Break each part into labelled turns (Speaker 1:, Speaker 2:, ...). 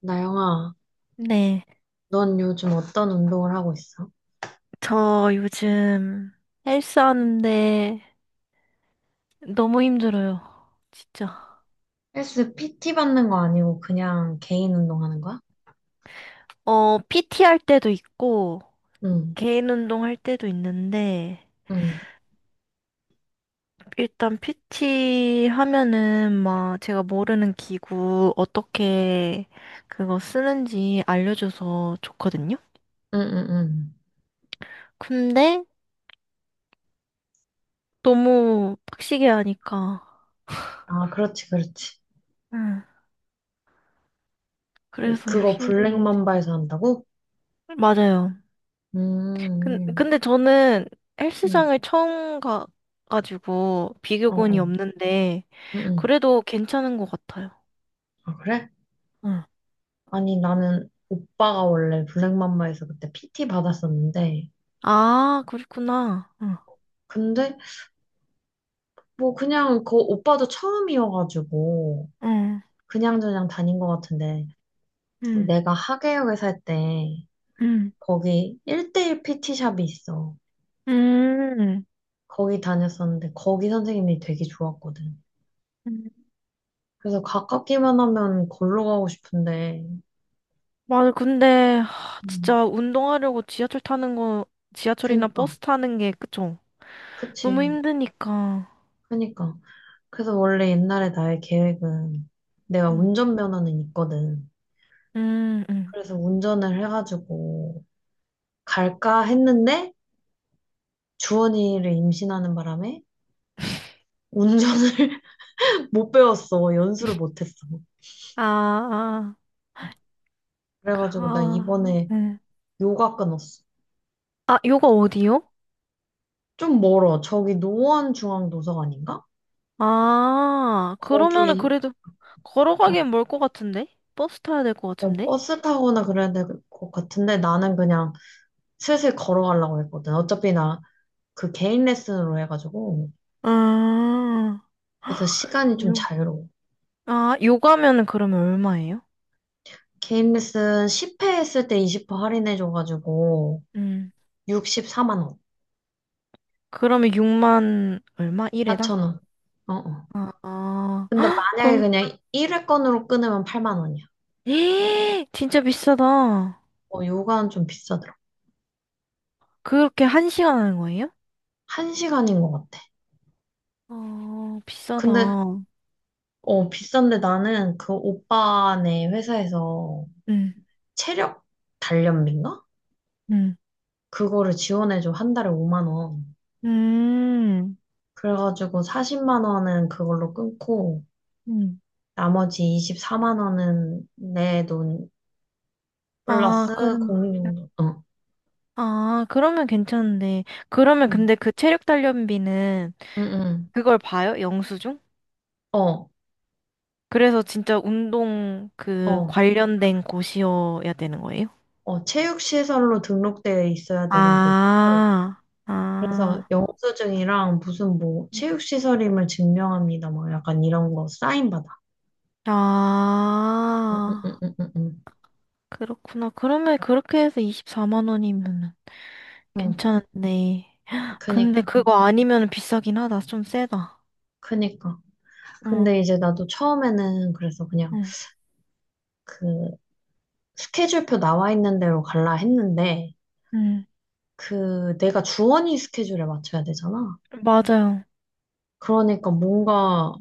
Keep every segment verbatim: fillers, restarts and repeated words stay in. Speaker 1: 나영아,
Speaker 2: 네,
Speaker 1: 넌 요즘 어떤 운동을 하고 있어?
Speaker 2: 저 요즘 헬스 하는데 너무 힘들어요. 진짜.
Speaker 1: 헬스 피티 받는 거 아니고 그냥 개인 운동하는 거야?
Speaker 2: 어, 피티 할 때도 있고,
Speaker 1: 응,
Speaker 2: 개인 운동 할 때도 있는데,
Speaker 1: 응,
Speaker 2: 일단 피티 하면은 막 제가 모르는 기구 어떻게 그거 쓰는지 알려줘서 좋거든요.
Speaker 1: 응, 응, 응.
Speaker 2: 근데 너무 빡시게 하니까,
Speaker 1: 아, 그렇지, 그렇지.
Speaker 2: 응, 그래서
Speaker 1: 그거
Speaker 2: 힘든 것 같아요.
Speaker 1: 블랙맘바에서 한다고?
Speaker 2: 맞아요.
Speaker 1: 음,
Speaker 2: 근,
Speaker 1: 음,
Speaker 2: 근데 저는
Speaker 1: 음.
Speaker 2: 헬스장을 처음 가가지고
Speaker 1: 어,
Speaker 2: 비교군이
Speaker 1: 어,
Speaker 2: 없는데
Speaker 1: 응, 응.
Speaker 2: 그래도 괜찮은 것 같아요.
Speaker 1: 아, 그래?
Speaker 2: 응,
Speaker 1: 아니, 나는 오빠가 원래 블랙맘바에서 그때 피티 받았었는데,
Speaker 2: 아, 그렇구나. 응,
Speaker 1: 근데 뭐 그냥 그 오빠도 처음이어가지고
Speaker 2: 응,
Speaker 1: 그냥저냥 다닌 것 같은데,
Speaker 2: 응,
Speaker 1: 내가 하계역에 살 때,
Speaker 2: 응,
Speaker 1: 거기 일 대일 피티샵이 있어.
Speaker 2: 응.
Speaker 1: 거기 다녔었는데 거기 선생님이 되게 좋았거든.
Speaker 2: 응.
Speaker 1: 그래서 가깝기만 하면 걸로 가고 싶은데,
Speaker 2: 맞아, 근데 하,
Speaker 1: 음,
Speaker 2: 진짜 운동하려고 지하철 타는 거, 지하철이나
Speaker 1: 그니까,
Speaker 2: 버스 타는 게 그쵸? 너무
Speaker 1: 그치,
Speaker 2: 힘드니까.
Speaker 1: 그니까. 그래서 원래 옛날에 나의 계획은 내가
Speaker 2: 응.
Speaker 1: 운전면허는 있거든.
Speaker 2: 응 응.
Speaker 1: 그래서 운전을 해가지고 갈까 했는데 주원이를 임신하는 바람에 운전을 못 배웠어. 연수를 못 했어.
Speaker 2: 아, 아,
Speaker 1: 그래가지고 나
Speaker 2: 아,
Speaker 1: 이번에
Speaker 2: 응.
Speaker 1: 요가 끊었어.
Speaker 2: 아, 요거 어디요?
Speaker 1: 좀 멀어. 저기 노원중앙도서관인가?
Speaker 2: 아, 그러면은
Speaker 1: 거기
Speaker 2: 그래도
Speaker 1: 응,
Speaker 2: 걸어가기엔 멀 것 같은데? 버스 타야 될 것
Speaker 1: 어,
Speaker 2: 같은데?
Speaker 1: 버스 타거나 그래야 될 것 같은데 나는 그냥 슬슬 걸어가려고 했거든. 어차피 나 그 개인 레슨으로 해가지고
Speaker 2: 아,
Speaker 1: 그래서 시간이 좀
Speaker 2: 요,
Speaker 1: 자유로워.
Speaker 2: 아, 요가면은 그러면 얼마예요?
Speaker 1: 개인 레슨 십 회 했을 때 이십 프로 할인해줘가지고
Speaker 2: 음,
Speaker 1: 육십사만 원,
Speaker 2: 그러면 육만 얼마? 일 회당?
Speaker 1: 사천 원. 어, 어.
Speaker 2: 아, 아,
Speaker 1: 근데
Speaker 2: 헉,
Speaker 1: 만약에
Speaker 2: 그럼,
Speaker 1: 그냥 일 회권으로 끊으면 팔만 원이야.
Speaker 2: 에이, 진짜 비싸다.
Speaker 1: 어, 요가는 좀 비싸더라.
Speaker 2: 그렇게 한 시간 하는 거예요?
Speaker 1: 한 시간인 것 같아.
Speaker 2: 어, 비싸다.
Speaker 1: 근데 어, 비싼데 나는 그 오빠네 회사에서
Speaker 2: 음,
Speaker 1: 체력 단련비인가?
Speaker 2: 음,
Speaker 1: 그거를 지원해줘. 한 달에 오만 원.
Speaker 2: 음,
Speaker 1: 그래가지고 사십만 원은 그걸로 끊고
Speaker 2: 음.
Speaker 1: 나머지 이십사만 원은 내 돈
Speaker 2: 아, 그래.
Speaker 1: 플러스 공용돈. 어,
Speaker 2: 아, 그러면 괜찮은데. 그러면
Speaker 1: 응,
Speaker 2: 근데 그 체력 단련비는
Speaker 1: 응, 응.
Speaker 2: 그걸 봐요? 영수증?
Speaker 1: 어,
Speaker 2: 그래서 진짜 운동 그
Speaker 1: 어,
Speaker 2: 관련된 곳이어야 되는 거예요?
Speaker 1: 어, 체육시설로 등록되어 있어야 되는 곳이고
Speaker 2: 아,
Speaker 1: 그래서
Speaker 2: 아,
Speaker 1: 영수증이랑 무슨 뭐
Speaker 2: 음.
Speaker 1: 체육시설임을 증명합니다. 뭐 약간 이런 거 사인 받아. 응, 응,
Speaker 2: 아,
Speaker 1: 응, 응, 응.
Speaker 2: 그렇구나. 그러면 그렇게 해서 이십사만 원이면
Speaker 1: 응.
Speaker 2: 괜찮은데. 근데
Speaker 1: 그니까,
Speaker 2: 그거 아니면 비싸긴 하다. 좀 세다.
Speaker 1: 그니까.
Speaker 2: 응,
Speaker 1: 근데 이제 나도 처음에는 그래서 그냥
Speaker 2: 응,
Speaker 1: 그 스케줄표 나와 있는 대로 갈라 했는데,
Speaker 2: 응.
Speaker 1: 그 내가 주원이 스케줄에 맞춰야 되잖아.
Speaker 2: 맞아요.
Speaker 1: 그러니까 뭔가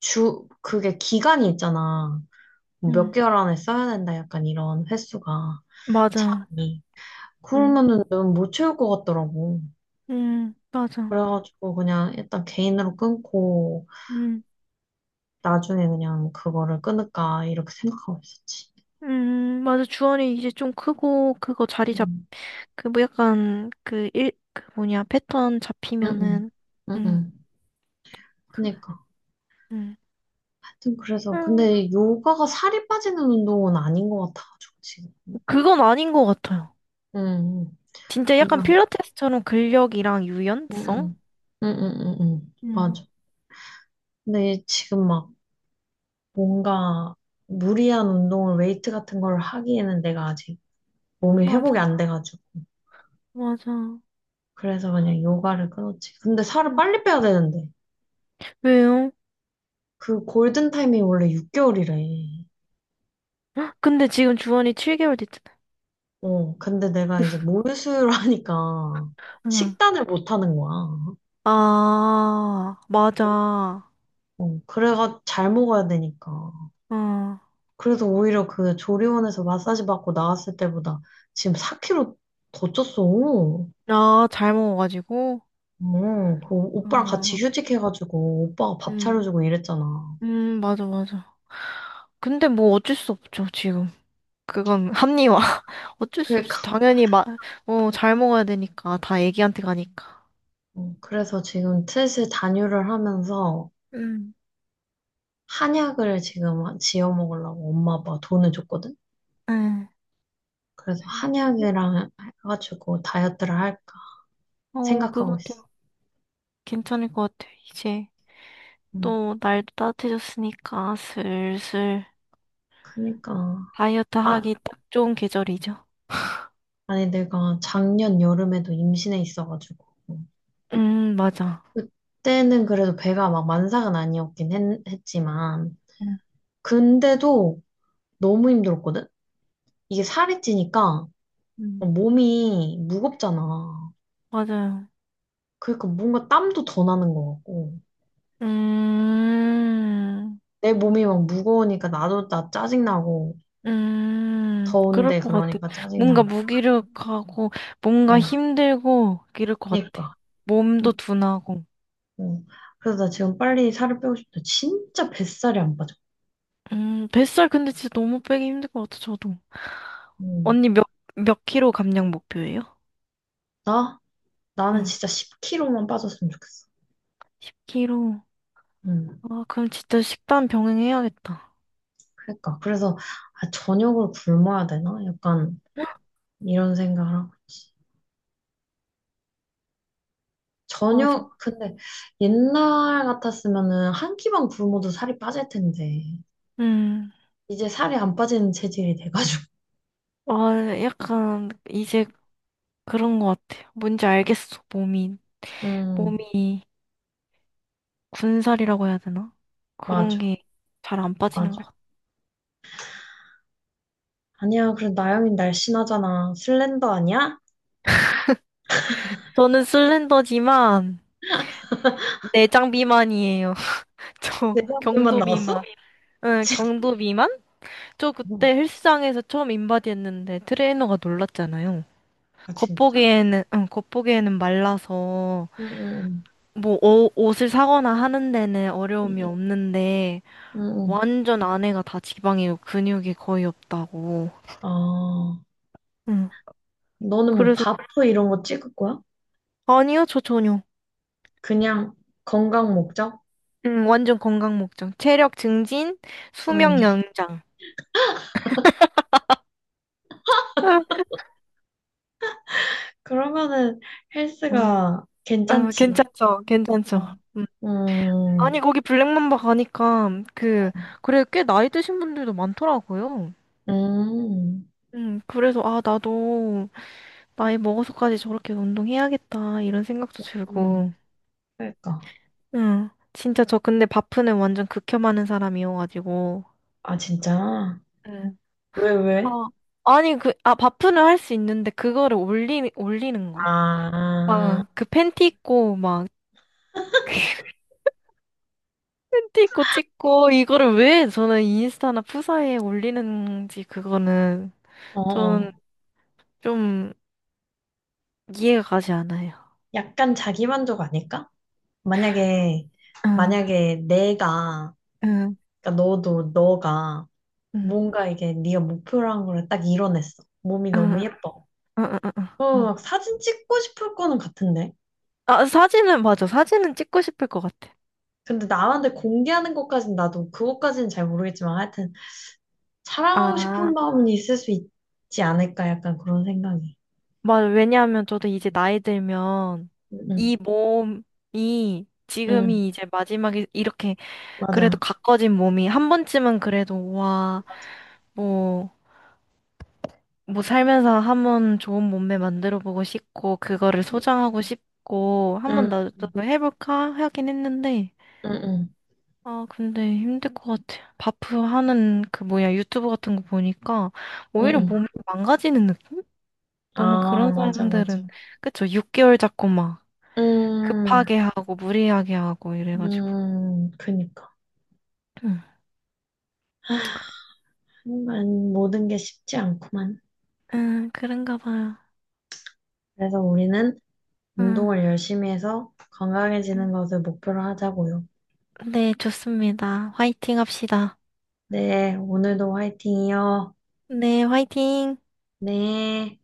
Speaker 1: 주, 그게 기간이 있잖아. 뭐 몇
Speaker 2: 응,
Speaker 1: 개월 안에 써야 된다. 약간 이런 횟수가,
Speaker 2: 맞아.
Speaker 1: 차이.
Speaker 2: 응,
Speaker 1: 그러면은 너무 못 채울 것 같더라고.
Speaker 2: 응, 맞아.
Speaker 1: 그래가지고 그냥 일단 개인으로 끊고,
Speaker 2: 음,
Speaker 1: 나중에 그냥 그거를 끊을까, 이렇게 생각하고 있었지.
Speaker 2: 음, 맞아. 주원이 이제 좀 크고, 그거 자리 잡,
Speaker 1: 음.
Speaker 2: 그, 뭐 약간, 그, 일, 그 뭐냐, 패턴
Speaker 1: 응, 응,
Speaker 2: 잡히면은,
Speaker 1: 응,
Speaker 2: 음,
Speaker 1: 응.
Speaker 2: 그,
Speaker 1: 그니까.
Speaker 2: 음.
Speaker 1: 하여튼 그래서
Speaker 2: 음,
Speaker 1: 근데 요가가 살이 빠지는 운동은 아닌 것 같아가지고 지금.
Speaker 2: 그건 아닌 것 같아요.
Speaker 1: 응, 응.
Speaker 2: 진짜 약간
Speaker 1: 그냥.
Speaker 2: 필라테스처럼 근력이랑
Speaker 1: 응,
Speaker 2: 유연성?
Speaker 1: 응. 응, 응, 응, 응.
Speaker 2: 음,
Speaker 1: 맞아. 근데 지금 막 뭔가 무리한 운동을 웨이트 같은 걸 하기에는 내가 아직 몸이 회복이
Speaker 2: 맞아,
Speaker 1: 안 돼가지고.
Speaker 2: 맞아.
Speaker 1: 그래서 그냥 요가를 끊었지. 근데 살을
Speaker 2: 음,
Speaker 1: 빨리 빼야 되는데.
Speaker 2: 왜요?
Speaker 1: 그 골든 타임이 원래 육 개월이래.
Speaker 2: 헉, 근데 지금 주원이 칠 개월 됐잖아.
Speaker 1: 어, 근데 내가 이제 모유수유를 하니까
Speaker 2: 응.
Speaker 1: 식단을 못 하는 거야.
Speaker 2: 아, 맞아. 어.
Speaker 1: 어, 그래가 잘 먹어야 되니까. 그래서 오히려 그 조리원에서 마사지 받고 나왔을 때보다 지금 사 킬로그램 더 쪘어.
Speaker 2: 아, 잘 먹어가지고.
Speaker 1: 어, 그 오빠랑 같이
Speaker 2: 어.
Speaker 1: 휴직해가지고 오빠가 밥
Speaker 2: 음,
Speaker 1: 차려주고 이랬잖아.
Speaker 2: 음, 맞아, 맞아. 근데 뭐 어쩔 수 없죠, 지금. 그건 합리화. 어쩔 수 없이.
Speaker 1: 그러니까
Speaker 2: 당연히 마, 어, 잘 먹어야 되니까. 다 애기한테 가니까.
Speaker 1: 어, 그래서 지금 슬슬 단유를 하면서
Speaker 2: 음.
Speaker 1: 한약을 지금 지어 먹으려고 엄마 아빠가 돈을 줬거든.
Speaker 2: 응.
Speaker 1: 그래서 한약이랑 해가지고 다이어트를 할까
Speaker 2: 어, 그거
Speaker 1: 생각하고 있어.
Speaker 2: 같아요. 괜찮을 것 같아요. 이제
Speaker 1: 음,
Speaker 2: 또 날도 따뜻해졌으니까 슬슬
Speaker 1: 그니까
Speaker 2: 다이어트
Speaker 1: 아,
Speaker 2: 하기 딱 좋은 계절이죠.
Speaker 1: 아니 내가 작년 여름에도 임신해 있어가지고.
Speaker 2: 음, 맞아.
Speaker 1: 그때는 그래도 배가 막 만삭은 아니었긴 했, 했지만,
Speaker 2: 음.
Speaker 1: 근데도 너무 힘들었거든? 이게 살이 찌니까
Speaker 2: 음.
Speaker 1: 몸이 무겁잖아.
Speaker 2: 맞아요.
Speaker 1: 그러니까 뭔가 땀도 더 나는 것 같고,
Speaker 2: 음.
Speaker 1: 내 몸이 막 무거우니까 나도 나 짜증나고,
Speaker 2: 음, 그럴
Speaker 1: 더운데
Speaker 2: 것 같아.
Speaker 1: 그러니까
Speaker 2: 뭔가
Speaker 1: 짜증나고,
Speaker 2: 무기력하고, 뭔가
Speaker 1: 어,
Speaker 2: 힘들고, 이럴 것 같아.
Speaker 1: 그러니까.
Speaker 2: 몸도 둔하고.
Speaker 1: 어. 그래서 나 지금 빨리 살을 빼고 싶다. 진짜 뱃살이 안 빠져.
Speaker 2: 음, 뱃살 근데 진짜 너무 빼기 힘들 것 같아, 저도.
Speaker 1: 음.
Speaker 2: 언니 몇, 몇 킬로 감량 목표예요?
Speaker 1: 나? 나는
Speaker 2: 응,
Speaker 1: 진짜 십 킬로그램만 빠졌으면 좋겠어.
Speaker 2: 십 킬로.
Speaker 1: 응.
Speaker 2: 아, 그럼 진짜 식단 병행해야겠다.
Speaker 1: 그러니까 그래서 아, 저녁을 굶어야 되나? 약간 이런 생각을 하고 있지.
Speaker 2: 맞아.
Speaker 1: 저녁 근데 옛날 같았으면은 한 끼만 굶어도 살이 빠질 텐데
Speaker 2: 음,
Speaker 1: 이제 살이 안 빠지는 체질이 돼가지고.
Speaker 2: 아, 약간, 이제 그런 것 같아. 뭔지 알겠어, 몸이.
Speaker 1: 음
Speaker 2: 몸이 군살이라고 해야 되나? 그런
Speaker 1: 맞아
Speaker 2: 게 잘 안 빠지는
Speaker 1: 맞아.
Speaker 2: 것 같아.
Speaker 1: 아니야 그래 나영이 날씬하잖아. 슬렌더 아니야?
Speaker 2: 저는 슬렌더지만 내장 비만이에요. 저
Speaker 1: 내 사진만
Speaker 2: 경도
Speaker 1: 나왔어?
Speaker 2: 비만. 응,
Speaker 1: 진짜?
Speaker 2: 경도 비만? 저 그때 헬스장에서 처음 인바디 했는데 트레이너가 놀랐잖아요.
Speaker 1: 아 진짜?
Speaker 2: 겉보기에는, 응, 겉보기에는 말라서
Speaker 1: 응응
Speaker 2: 뭐 어- 옷을 사거나 하는 데는 어려움이 없는데
Speaker 1: 응응.
Speaker 2: 완전 안에가 다 지방이고 근육이 거의 없다고.
Speaker 1: 아
Speaker 2: 응.
Speaker 1: 너는 뭐
Speaker 2: 그래서
Speaker 1: 바프 이런 거 찍을 거야?
Speaker 2: 아니요, 저 전혀.
Speaker 1: 그냥 건강 목적?
Speaker 2: 응, 완전 건강 목적. 체력 증진,
Speaker 1: 응.
Speaker 2: 수명 연장.
Speaker 1: 그러면은 헬스가
Speaker 2: 어,
Speaker 1: 괜찮지.
Speaker 2: 괜찮죠, 괜찮죠.
Speaker 1: 어.
Speaker 2: 음. 아니,
Speaker 1: 음,
Speaker 2: 거기 블랙맘바 가니까, 그, 그래, 꽤 나이 드신 분들도 많더라고요.
Speaker 1: 음,
Speaker 2: 음, 그래서, 아, 나도, 나이 먹어서까지 저렇게 운동해야겠다, 이런 생각도
Speaker 1: 음.
Speaker 2: 들고.
Speaker 1: 그러니까.
Speaker 2: 응, 진짜 저 근데 바프는 완전 극혐하는 사람이어가지고.
Speaker 1: 아, 진짜?
Speaker 2: 응.
Speaker 1: 왜,
Speaker 2: 아,
Speaker 1: 왜?
Speaker 2: 아니, 그, 아, 바프는 할 수 있는데, 그거를 올리, 올리는 거.
Speaker 1: 아,
Speaker 2: 막, 그 팬티 입고, 막, 팬티 입고 찍고, 이거를 왜 저는 인스타나 푸사에 올리는지, 그거는.
Speaker 1: 어,
Speaker 2: 저는
Speaker 1: 어.
Speaker 2: 좀 이해가 가지 않아요.
Speaker 1: 약간 자기만족 아닐까? 만약에,
Speaker 2: 응,
Speaker 1: 만약에 내가,
Speaker 2: 응,
Speaker 1: 그러니까 너도, 너가
Speaker 2: 응,
Speaker 1: 뭔가 이게 네가 목표라는 걸 딱 이뤄냈어. 몸이 너무
Speaker 2: 응,
Speaker 1: 예뻐.
Speaker 2: 응, 응, 응.
Speaker 1: 어,
Speaker 2: 응.
Speaker 1: 막 사진 찍고 싶을 거는 같은데.
Speaker 2: 아, 사진은 맞아. 사진은 찍고 싶을 것 같아.
Speaker 1: 근데 나한테 공개하는 것까진 나도 그것까지는 잘 모르겠지만 하여튼 사랑하고
Speaker 2: 아,
Speaker 1: 싶은 마음은 있을 수 있지 않을까? 약간 그런 생각이.
Speaker 2: 맞아. 왜냐하면 저도 이제 나이 들면
Speaker 1: 응,
Speaker 2: 이 몸이
Speaker 1: 응,
Speaker 2: 지금이 이제 마지막에 이렇게 그래도
Speaker 1: 맞아.
Speaker 2: 가꿔진 몸이 한 번쯤은 그래도 와, 뭐, 뭐 살면서 한 번 좋은 몸매 만들어 보고 싶고 그거를
Speaker 1: 응,
Speaker 2: 소장하고 싶고 한
Speaker 1: 응,
Speaker 2: 번 나도 해볼까 하긴 했는데
Speaker 1: 응,
Speaker 2: 아, 근데 힘들 것 같아. 바프 하는 그 뭐야 유튜브 같은 거 보니까
Speaker 1: 응,
Speaker 2: 오히려
Speaker 1: 응.
Speaker 2: 몸이 망가지는 느낌? 너무
Speaker 1: 아,
Speaker 2: 그런
Speaker 1: 맞아, 맞아.
Speaker 2: 사람들은 그쵸? 육 개월 잡고 막
Speaker 1: 음,
Speaker 2: 급하게 하고 무리하게 하고 이래가지고.
Speaker 1: 음, 그니까. 하
Speaker 2: 응,
Speaker 1: 지 모든 게 쉽지 않구만.
Speaker 2: 응, 그런가 봐요.
Speaker 1: 그래서 우리는
Speaker 2: 응.
Speaker 1: 운동을 열심히 해서
Speaker 2: 응.
Speaker 1: 건강해지는 것을 목표로 하자고요.
Speaker 2: 네, 좋습니다. 화이팅 합시다.
Speaker 1: 네, 오늘도 화이팅이요.
Speaker 2: 네, 화이팅.
Speaker 1: 네.